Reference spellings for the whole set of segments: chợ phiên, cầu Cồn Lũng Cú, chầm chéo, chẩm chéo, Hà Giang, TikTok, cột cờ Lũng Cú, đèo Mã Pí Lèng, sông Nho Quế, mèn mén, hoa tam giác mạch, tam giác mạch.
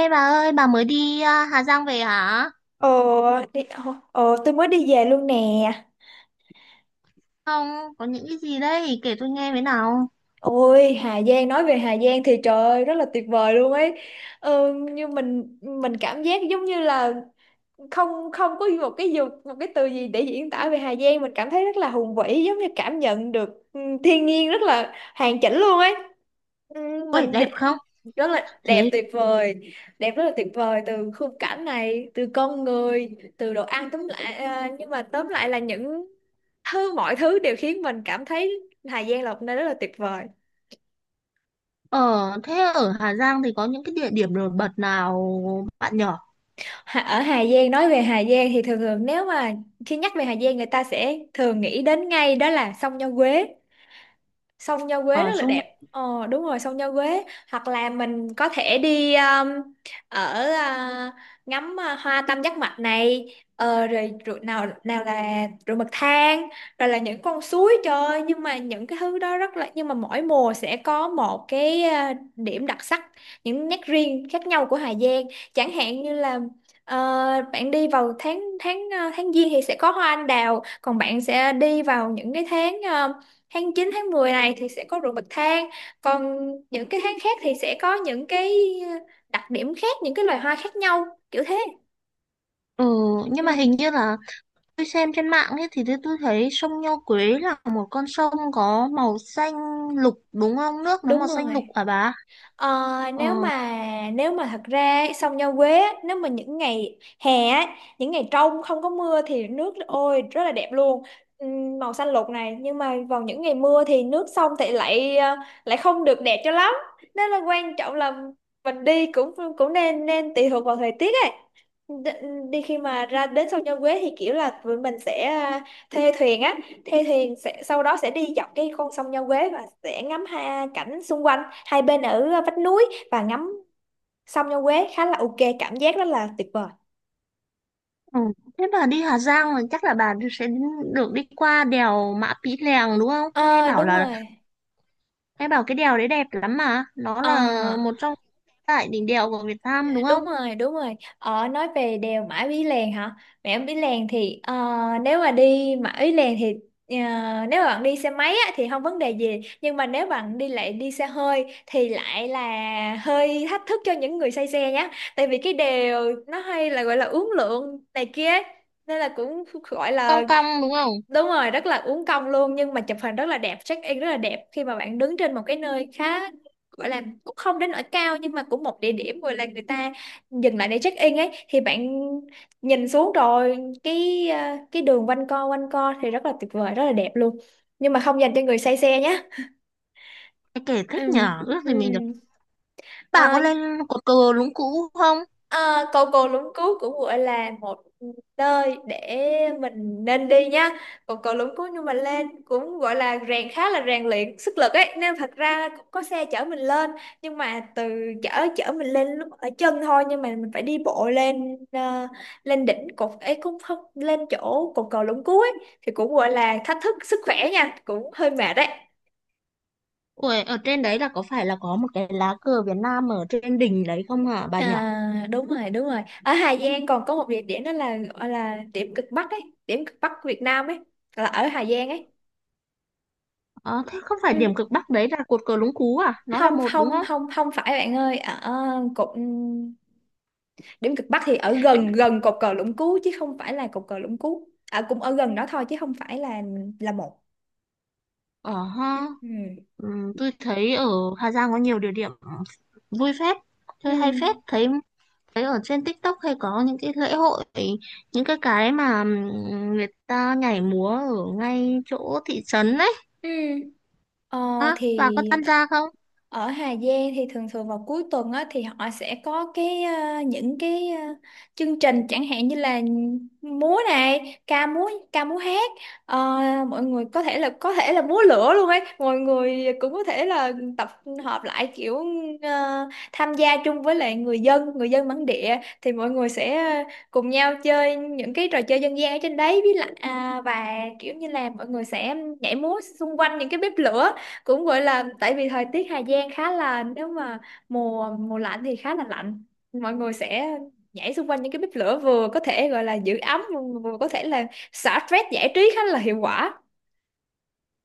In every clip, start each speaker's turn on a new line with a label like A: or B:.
A: Ê bà ơi, bà mới đi à, Hà Giang về hả?
B: Ờ, tôi mới đi về luôn nè.
A: Không, có những cái gì đấy, kể tôi nghe với nào.
B: Ôi, Hà Giang, nói về Hà Giang thì trời ơi, rất là tuyệt vời luôn ấy. Như mình cảm giác giống như là không không có một cái dục một cái từ gì để diễn tả về Hà Giang, mình cảm thấy rất là hùng vĩ, giống như cảm nhận được thiên nhiên rất là hoàn chỉnh luôn ấy. Ừ,
A: Ôi,
B: mình
A: đẹp
B: đe-
A: không?
B: Rất là đẹp,
A: Thế
B: tuyệt vời đẹp, rất là tuyệt vời, từ khung cảnh này, từ con người, từ đồ ăn, tóm lại nhưng mà tóm lại là những thứ mọi thứ đều khiến mình cảm thấy Hà Giang là một nơi rất là tuyệt vời.
A: ở thế ở Hà Giang thì có những cái địa điểm nổi bật nào bạn nhỏ?
B: Ở Hà Giang, nói về Hà Giang thì thường thường, nếu mà khi nhắc về Hà Giang, người ta sẽ thường nghĩ đến ngay đó là sông Nho Quế. Sông Nho Quế
A: Ờ,
B: rất là
A: sông Nho.
B: đẹp, ờ đúng rồi, sông Nho Quế. Hoặc là mình có thể đi ở uh, ngắm hoa tam giác mạch này. Rồi bậc thang, rồi là những con suối, trời ơi, nhưng mà những cái thứ đó rất là, nhưng mà mỗi mùa sẽ có một cái điểm đặc sắc, những nét riêng khác nhau của Hà Giang. Chẳng hạn như là, ờ, bạn đi vào tháng tháng tháng giêng thì sẽ có hoa anh đào, còn bạn sẽ đi vào những cái tháng tháng chín, tháng 10 này thì sẽ có ruộng bậc thang. Còn những cái tháng khác thì sẽ có những cái đặc điểm khác, những cái loài hoa khác nhau, kiểu thế.
A: Ừ, nhưng mà hình
B: Ừ,
A: như là tôi xem trên mạng ấy thì tôi thấy sông Nho Quế là một con sông có màu xanh lục đúng không? Nước nó
B: đúng
A: màu xanh
B: rồi.
A: lục hả bà?
B: Ờ,
A: Ờ,
B: nếu mà nếu mà thật ra sông Nho Quế á, nếu mà những ngày hè á, những ngày trong không có mưa thì nước ôi rất là đẹp luôn. Màu xanh lục này, nhưng mà vào những ngày mưa thì nước sông thì lại lại không được đẹp cho lắm. Nên là quan trọng là mình đi cũng cũng nên nên tùy thuộc vào thời tiết ấy. Đi khi mà ra đến sông Nho Quế thì kiểu là tụi mình sẽ thuê thuyền á. Thuê thuyền sẽ, sau đó sẽ đi dọc cái con sông Nho Quế và sẽ ngắm, ha, cảnh xung quanh hai bên ở vách núi, và ngắm sông Nho Quế, khá là ok, cảm giác rất là tuyệt vời.
A: ừ. Thế bà đi Hà Giang là chắc là bà sẽ được đi qua đèo Mã Pí Lèng đúng không? Nghe
B: À,
A: bảo
B: đúng
A: là
B: rồi.
A: nghe bảo cái đèo đấy đẹp lắm mà. Nó là
B: À,
A: một trong tại đỉnh đèo của Việt Nam đúng không?
B: đúng rồi, đúng rồi, nói về đèo Mã Pí Lèng hả. Mã Pí Lèng thì nếu mà đi Mã Pí Lèng thì ờ, nếu mà bạn đi xe máy á, thì không vấn đề gì, nhưng mà nếu bạn đi lại đi xe hơi thì lại là hơi thách thức cho những người say xe nhé. Tại vì cái đèo nó hay là gọi là uốn lượn này kia ấy. Nên là cũng gọi là.
A: Cong cong đúng không?
B: Đúng rồi, rất là uốn cong luôn, nhưng mà chụp hình rất là đẹp, check in rất là đẹp khi mà bạn đứng trên một cái nơi khá, gọi là cũng không đến nỗi cao, nhưng mà cũng một địa điểm gọi là người ta dừng lại để check in ấy, thì bạn nhìn xuống rồi cái cái đường quanh co thì rất là tuyệt vời, rất là đẹp luôn. Nhưng mà không dành cho người say xe nhé.
A: Nghe kể
B: Ừ.
A: thích nhở, ước
B: Ừ.
A: gì mình được. Bà có
B: À.
A: lên cột cờ Lũng Cú không?
B: À, cầu Cồn Lũng Cú cũng gọi là một nơi để mình nên đi nha. Cầu Cồn Lũng Cú, nhưng mà lên cũng gọi là khá là rèn luyện sức lực ấy, nên thật ra cũng có xe chở mình lên, nhưng mà từ chở chở mình lên lúc ở chân thôi, nhưng mà mình phải đi bộ lên lên đỉnh cột ấy, cũng không lên chỗ cột cầu Lũng Cú ấy, thì cũng gọi là thách thức sức khỏe nha, cũng hơi mệt đấy.
A: Ủa, ở trên đấy là có phải là có một cái lá cờ Việt Nam ở trên đỉnh đấy không hả bà nhỏ?
B: À, đúng rồi, đúng rồi. Ở Hà Giang còn có một địa điểm đó là gọi là điểm cực Bắc ấy, điểm cực Bắc của Việt Nam ấy, là ở Hà Giang ấy.
A: Ờ, thế không phải
B: Ừ.
A: điểm cực Bắc đấy là cột cờ Lũng Cú à? Nó là
B: Không,
A: một đúng
B: không,
A: không?
B: không, không phải bạn ơi, ở cột điểm cực Bắc thì ở gần gần cột cờ Lũng Cú chứ không phải là cột cờ Lũng Cú. À, cũng ở gần đó thôi chứ không phải là một.
A: Ờ ha,
B: Ừ.
A: ừm, tôi thấy ở Hà Giang có nhiều địa điểm vui phết,
B: Ừ.
A: chơi hay
B: Ừ.
A: phết, thấy thấy ở trên TikTok hay có những cái lễ hội những cái mà người ta nhảy múa ở ngay chỗ thị trấn đấy
B: Ừ. Ờ,
A: á bà
B: thì
A: có tham gia không?
B: Ở Hà Giang thì thường thường vào cuối tuần á, thì họ sẽ có cái chương trình chẳng hạn như là múa này, ca múa hát. Ờ, mọi người có thể là múa lửa luôn ấy, mọi người cũng có thể là tập hợp lại kiểu ờ, tham gia chung với lại người dân bản địa, thì mọi người sẽ cùng nhau chơi những cái trò chơi dân gian ở trên đấy với lại và kiểu như là mọi người sẽ nhảy múa xung quanh những cái bếp lửa. Cũng gọi là, tại vì thời tiết Hà Giang khá là, nếu mà mùa mùa lạnh thì khá là lạnh, mọi người sẽ nhảy xung quanh những cái bếp lửa, vừa có thể gọi là giữ ấm, vừa vừa có thể là xả stress, giải trí khá là hiệu quả.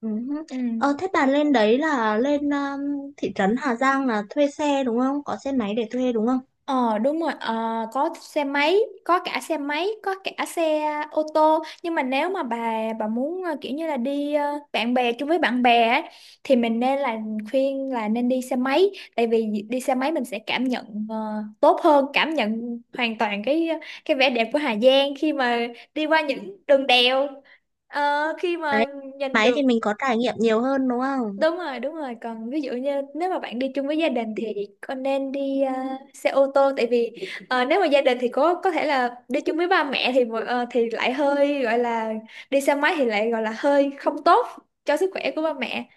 A: Ừ.
B: Ừ.
A: Ờ, thế bà lên đấy là lên thị trấn Hà Giang là thuê xe đúng không? Có xe máy để thuê đúng không?
B: Ờ đúng rồi. Ờ, có xe máy, có cả xe máy, có cả xe ô tô, nhưng mà nếu mà bà muốn kiểu như là đi ờ, bạn bè chung với bạn bè ấy, thì mình nên là khuyên là nên đi xe máy, tại vì đi xe máy mình sẽ cảm nhận tốt hơn, cảm nhận hoàn toàn cái vẻ đẹp của Hà Giang khi mà đi qua những đường đèo. Ờ, khi
A: Đấy
B: mà nhìn
A: máy thì
B: được.
A: mình có trải nghiệm nhiều hơn đúng không?
B: Đúng rồi, đúng rồi. Còn ví dụ như nếu mà bạn đi chung với gia đình thì con nên đi xe ô tô, tại vì nếu mà gia đình thì có thể là đi chung với ba mẹ thì thì lại hơi gọi là đi xe máy thì lại gọi là hơi không tốt cho sức khỏe của ba mẹ,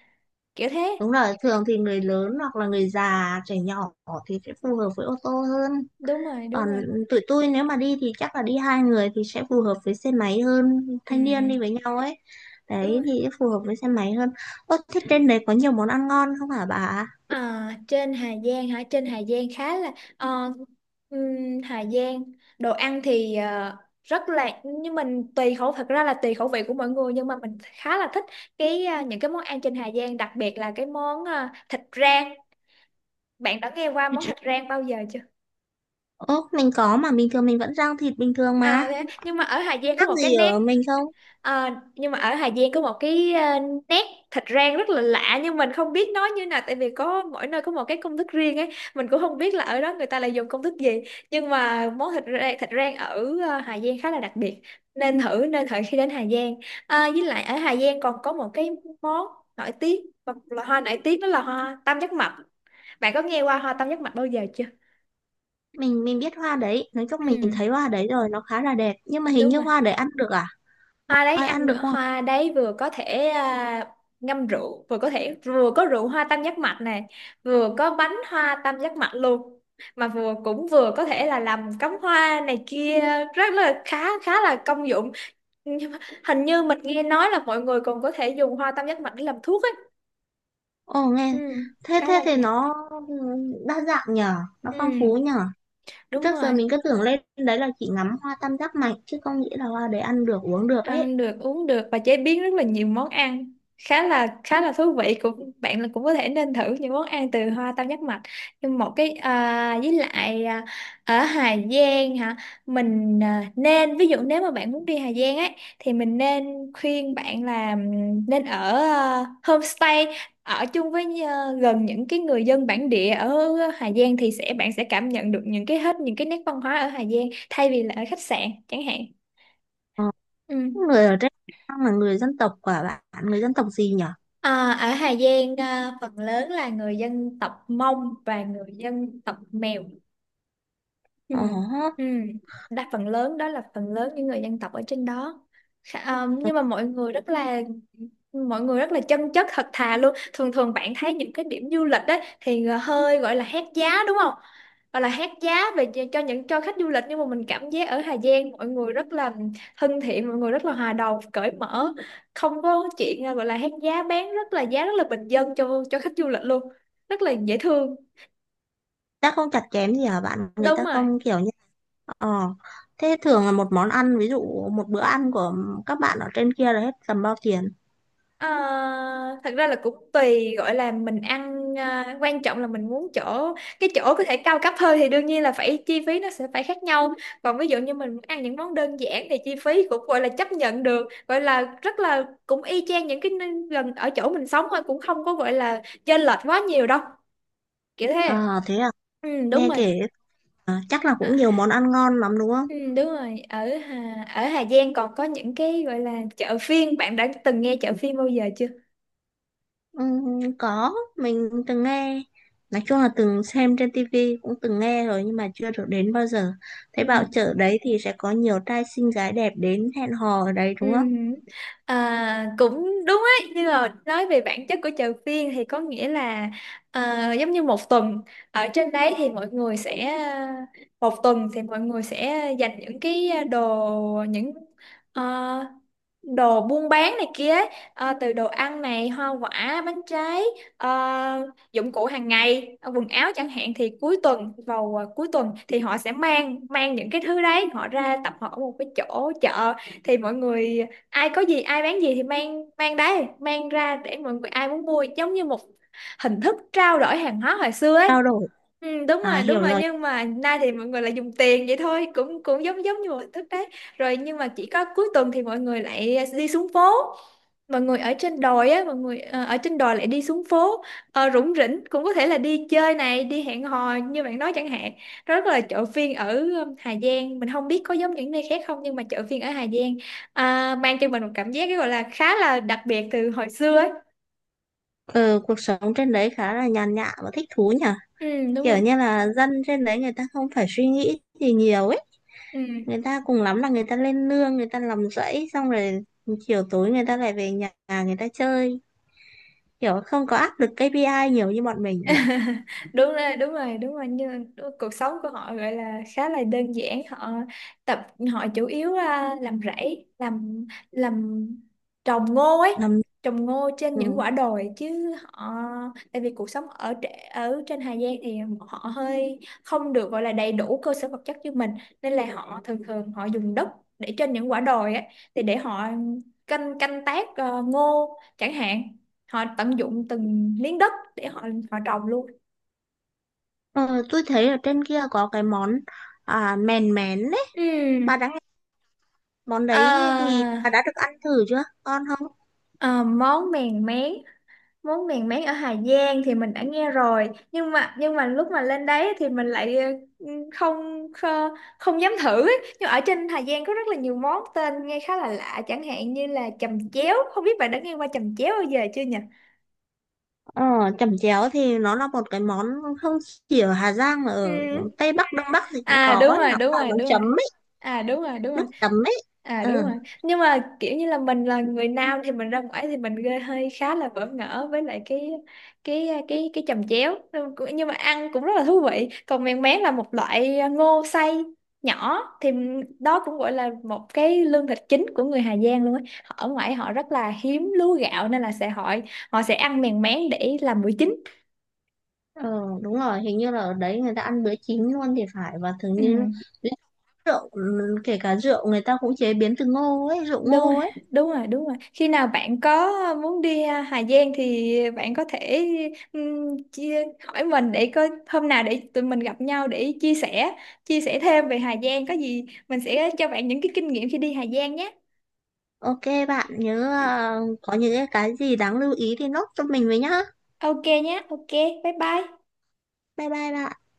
B: kiểu thế.
A: Đúng rồi, thường thì người lớn hoặc là người già, trẻ nhỏ thì sẽ phù hợp với ô tô hơn.
B: Đúng rồi, đúng
A: Còn
B: rồi.
A: tụi tôi nếu mà đi thì chắc là đi hai người thì sẽ phù hợp với xe máy hơn,
B: Ừ,
A: thanh
B: ừ.
A: niên đi với nhau ấy, đấy
B: Đúng.
A: thì phù hợp với xe máy hơn. Ơ thế trên đấy có nhiều món ăn ngon không hả bà?
B: À, trên Hà Giang hả? Trên Hà Giang khá là ờ, Hà Giang đồ ăn thì rất là, nhưng mình tùy khẩu, thật ra là tùy khẩu vị của mọi người, nhưng mà mình khá là thích cái những cái món ăn trên Hà Giang, đặc biệt là cái món thịt rang. Bạn đã nghe qua món thịt rang bao giờ chưa?
A: Ơ mình có mà bình thường mình vẫn rang thịt bình thường mà,
B: À, thế, nhưng mà ở Hà Giang có
A: khác
B: một cái
A: gì
B: nét.
A: ở mình không?
B: Ờ, nhưng mà ở Hà Giang có một cái nét thịt rang rất là lạ, nhưng mình không biết nói như nào, tại vì có mỗi nơi có một cái công thức riêng ấy, mình cũng không biết là ở đó người ta lại dùng công thức gì. Nhưng mà món thịt rang ở Hà Giang khá là đặc biệt, nên thử khi đến Hà Giang. À, với lại ở Hà Giang còn có một cái món nổi tiếng, một loại hoa nổi tiếng đó là hoa tam giác mạch. Bạn có nghe qua hoa tam giác mạch bao giờ chưa?
A: Mình biết hoa đấy, nói chung mình thấy
B: Ừ,
A: hoa đấy rồi, nó khá là đẹp nhưng mà hình
B: đúng
A: như
B: rồi,
A: hoa đấy ăn được à?
B: hoa đấy
A: Ai
B: ăn
A: ăn
B: được.
A: được không?
B: Hoa đấy vừa có thể ngâm rượu, vừa có rượu hoa tam giác mạch này, vừa có bánh hoa tam giác mạch luôn, vừa vừa có thể là làm cắm hoa này kia, rất là khá khá là công dụng. Nhưng mà hình như mình nghe nói là mọi người còn có thể dùng hoa tam giác mạch để làm thuốc ấy.
A: Ồ nghe,
B: Ừ,
A: thế
B: khá
A: thế
B: là
A: thì
B: nha.
A: nó đa dạng nhở, nó
B: Ừ,
A: phong phú nhở.
B: đúng
A: Trước giờ
B: rồi.
A: mình cứ tưởng lên đấy là chỉ ngắm hoa tam giác mạch chứ không nghĩ là hoa đấy ăn được uống được ấy.
B: Ăn được, uống được, và chế biến rất là nhiều món ăn, khá là thú vị, cũng bạn là cũng có thể nên thử những món ăn từ hoa tam giác mạch. Nhưng một cái ở Hà Giang hả, mình nên, ví dụ nếu mà bạn muốn đi Hà Giang ấy, thì mình nên khuyên bạn là nên ở homestay, ở chung với gần những cái người dân bản địa ở Hà Giang, thì bạn sẽ cảm nhận được những cái hết những cái nét văn hóa ở Hà Giang, thay vì là ở khách sạn chẳng hạn. Ừ.
A: Người ở trên Trang là người dân tộc quả bạn, người dân tộc gì nhở?
B: À, ở Hà Giang phần lớn là người dân tộc Mông và người dân tộc Mèo. Ừ.
A: Ồ,
B: Ừ. Đa phần lớn đó là phần lớn những người dân tộc ở trên đó. Nhưng mà mọi người rất là mọi người rất là chân chất, thật thà luôn. Thường thường bạn thấy những cái điểm du lịch đấy thì hơi gọi là hét giá, đúng không? Gọi là hét giá về cho những cho khách du lịch, nhưng mà mình cảm giác ở Hà Giang mọi người rất là thân thiện, mọi người rất là hòa đồng, cởi mở, không có chuyện gọi là hét giá, bán rất là giá rất là bình dân cho khách du lịch luôn, rất là dễ thương.
A: ta không chặt chém gì hả bạn? Người
B: Đúng
A: ta
B: rồi.
A: không kiểu như, ờ thế thường là một món ăn ví dụ một bữa ăn của các bạn ở trên kia là hết tầm bao tiền?
B: Ờ, Thật ra là cũng tùy, gọi là mình ăn, à, quan trọng là mình muốn chỗ cái chỗ có thể cao cấp hơn thì đương nhiên là phải chi phí nó sẽ phải khác nhau. Còn ví dụ như mình muốn ăn những món đơn giản thì chi phí cũng gọi là chấp nhận được, gọi là rất là cũng y chang những cái nơi gần ở chỗ mình sống thôi, cũng không có gọi là chênh lệch quá nhiều đâu, kiểu thế.
A: À thế à,
B: Ừ, đúng
A: nghe
B: rồi.
A: kể à, chắc là
B: À,
A: cũng nhiều món ăn ngon lắm đúng không?
B: ừ, đúng rồi, ở ở Hà Giang còn có những cái gọi là chợ phiên, bạn đã từng nghe chợ phiên bao giờ chưa?
A: Có, mình từng nghe, nói chung là từng xem trên tivi cũng từng nghe rồi nhưng mà chưa được đến bao giờ. Thế
B: Ừ.
A: bảo chợ đấy thì sẽ có nhiều trai xinh gái đẹp đến hẹn hò ở đấy
B: Ừ.
A: đúng không?
B: À, cũng đúng ấy, nhưng mà nói về bản chất của chợ phiên thì có nghĩa là, à, giống như một tuần ở trên đấy thì mọi người sẽ một tuần thì mọi người sẽ dành những cái đồ những ờ, đồ buôn bán này kia ấy, từ đồ ăn này, hoa quả, bánh trái, dụng cụ hàng ngày, quần áo chẳng hạn, thì cuối tuần vào cuối tuần thì họ sẽ mang mang những cái thứ đấy họ ra tập hợp ở một cái chỗ chợ, thì mọi người ai có gì, ai bán gì thì mang mang đấy mang ra để mọi người ai muốn mua, giống như một hình thức trao đổi hàng hóa hồi xưa ấy.
A: Trao đổi,
B: Ừ, đúng
A: à
B: rồi, đúng
A: hiểu
B: rồi.
A: rồi.
B: Nhưng mà nay thì mọi người lại dùng tiền vậy thôi, cũng cũng giống giống như một hình thức đấy rồi. Nhưng mà chỉ có cuối tuần thì mọi người lại đi xuống phố, mọi người ở trên đồi á, mọi người ở trên đồi lại đi xuống phố, rủng rỉnh, cũng có thể là đi chơi này, đi hẹn hò như bạn nói chẳng hạn. Rất là chợ phiên ở Hà Giang mình không biết có giống những nơi khác không, nhưng mà chợ phiên ở Hà Giang, à, mang cho mình một cảm giác cái gọi là khá là đặc biệt từ hồi xưa ấy.
A: Ừ, cuộc sống trên đấy khá là nhàn nhã và thích thú nhỉ,
B: Ừ, đúng
A: kiểu
B: rồi.
A: như là dân trên đấy người ta không phải suy nghĩ gì nhiều ấy,
B: Ừ,
A: người ta cùng lắm là người ta lên nương người ta làm rẫy xong rồi chiều tối người ta lại về nhà, người ta chơi, kiểu không có áp lực KPI nhiều như bọn mình nhỉ.
B: đúng rồi, đúng rồi, đúng rồi, cuộc sống của họ gọi là khá là đơn giản. Họ tập họ chủ yếu, à, làm rẫy, làm trồng ngô ấy,
A: Làm
B: trồng ngô trên những
A: ừ.
B: quả đồi chứ họ tại vì cuộc sống ở trên Hà Giang thì họ hơi không được gọi là đầy đủ cơ sở vật chất như mình, nên là họ thường thường họ dùng đất để trên những quả đồi ấy thì để họ canh canh tác ngô chẳng hạn. Họ tận dụng từng miếng đất để họ họ trồng luôn.
A: Ờ, tôi thấy ở trên kia có cái món à, mèn mén đấy.
B: Ừ.
A: Bà đã nghe món đấy thì bà đã
B: À,
A: được ăn thử chưa? Ngon không?
B: à, món mèn mén, món mèn mén ở Hà Giang thì mình đã nghe rồi, nhưng mà lúc mà lên đấy thì mình lại, ừ, không không, không dám thử ấy. Nhưng ở trên Hà Giang có rất là nhiều món tên nghe khá là lạ, chẳng hạn như là chầm chéo, không biết bạn đã nghe qua chầm chéo bao giờ chưa nhỉ?
A: Ờ, chẩm chéo thì nó là một cái món không chỉ ở Hà Giang mà ở
B: Ừ.
A: Tây Bắc, Đông Bắc thì cũng
B: À,
A: có
B: đúng
A: ấy.
B: rồi,
A: Nó
B: đúng
A: là
B: rồi,
A: món
B: đúng rồi.
A: chấm ấy,
B: À, đúng rồi, đúng rồi.
A: nước chấm ấy.
B: À,
A: Ừ,
B: đúng rồi. Nhưng mà kiểu như là mình là người nam thì mình ra ngoài thì mình gây hơi khá là bỡ ngỡ với lại cái chồng chéo, nhưng mà ăn cũng rất là thú vị. Còn mèn mén là một loại ngô xay nhỏ, thì đó cũng gọi là một cái lương thực chính của người Hà Giang luôn á. Họ ở ngoài họ rất là hiếm lúa gạo nên là sẽ họ họ sẽ ăn mèn mén để làm bữa chính.
A: ờ, đúng rồi, hình như là ở đấy người ta ăn bữa chín luôn thì phải, và thường
B: Ừ.
A: như rượu, ừ, kể cả rượu người ta cũng chế biến từ ngô ấy, rượu
B: Đúng
A: ngô
B: rồi,
A: ấy.
B: đúng rồi, đúng rồi. Khi nào bạn có muốn đi, à, Hà Giang thì bạn có thể, hỏi mình để coi hôm nào để tụi mình gặp nhau để chia sẻ thêm về Hà Giang, có gì mình sẽ cho bạn những cái kinh nghiệm khi đi Hà Giang nhé.
A: Ok bạn nhớ à, có những cái gì đáng lưu ý thì nốt cho mình với nhá.
B: Ok nhé, ok, bye bye.
A: Bye bye bạn.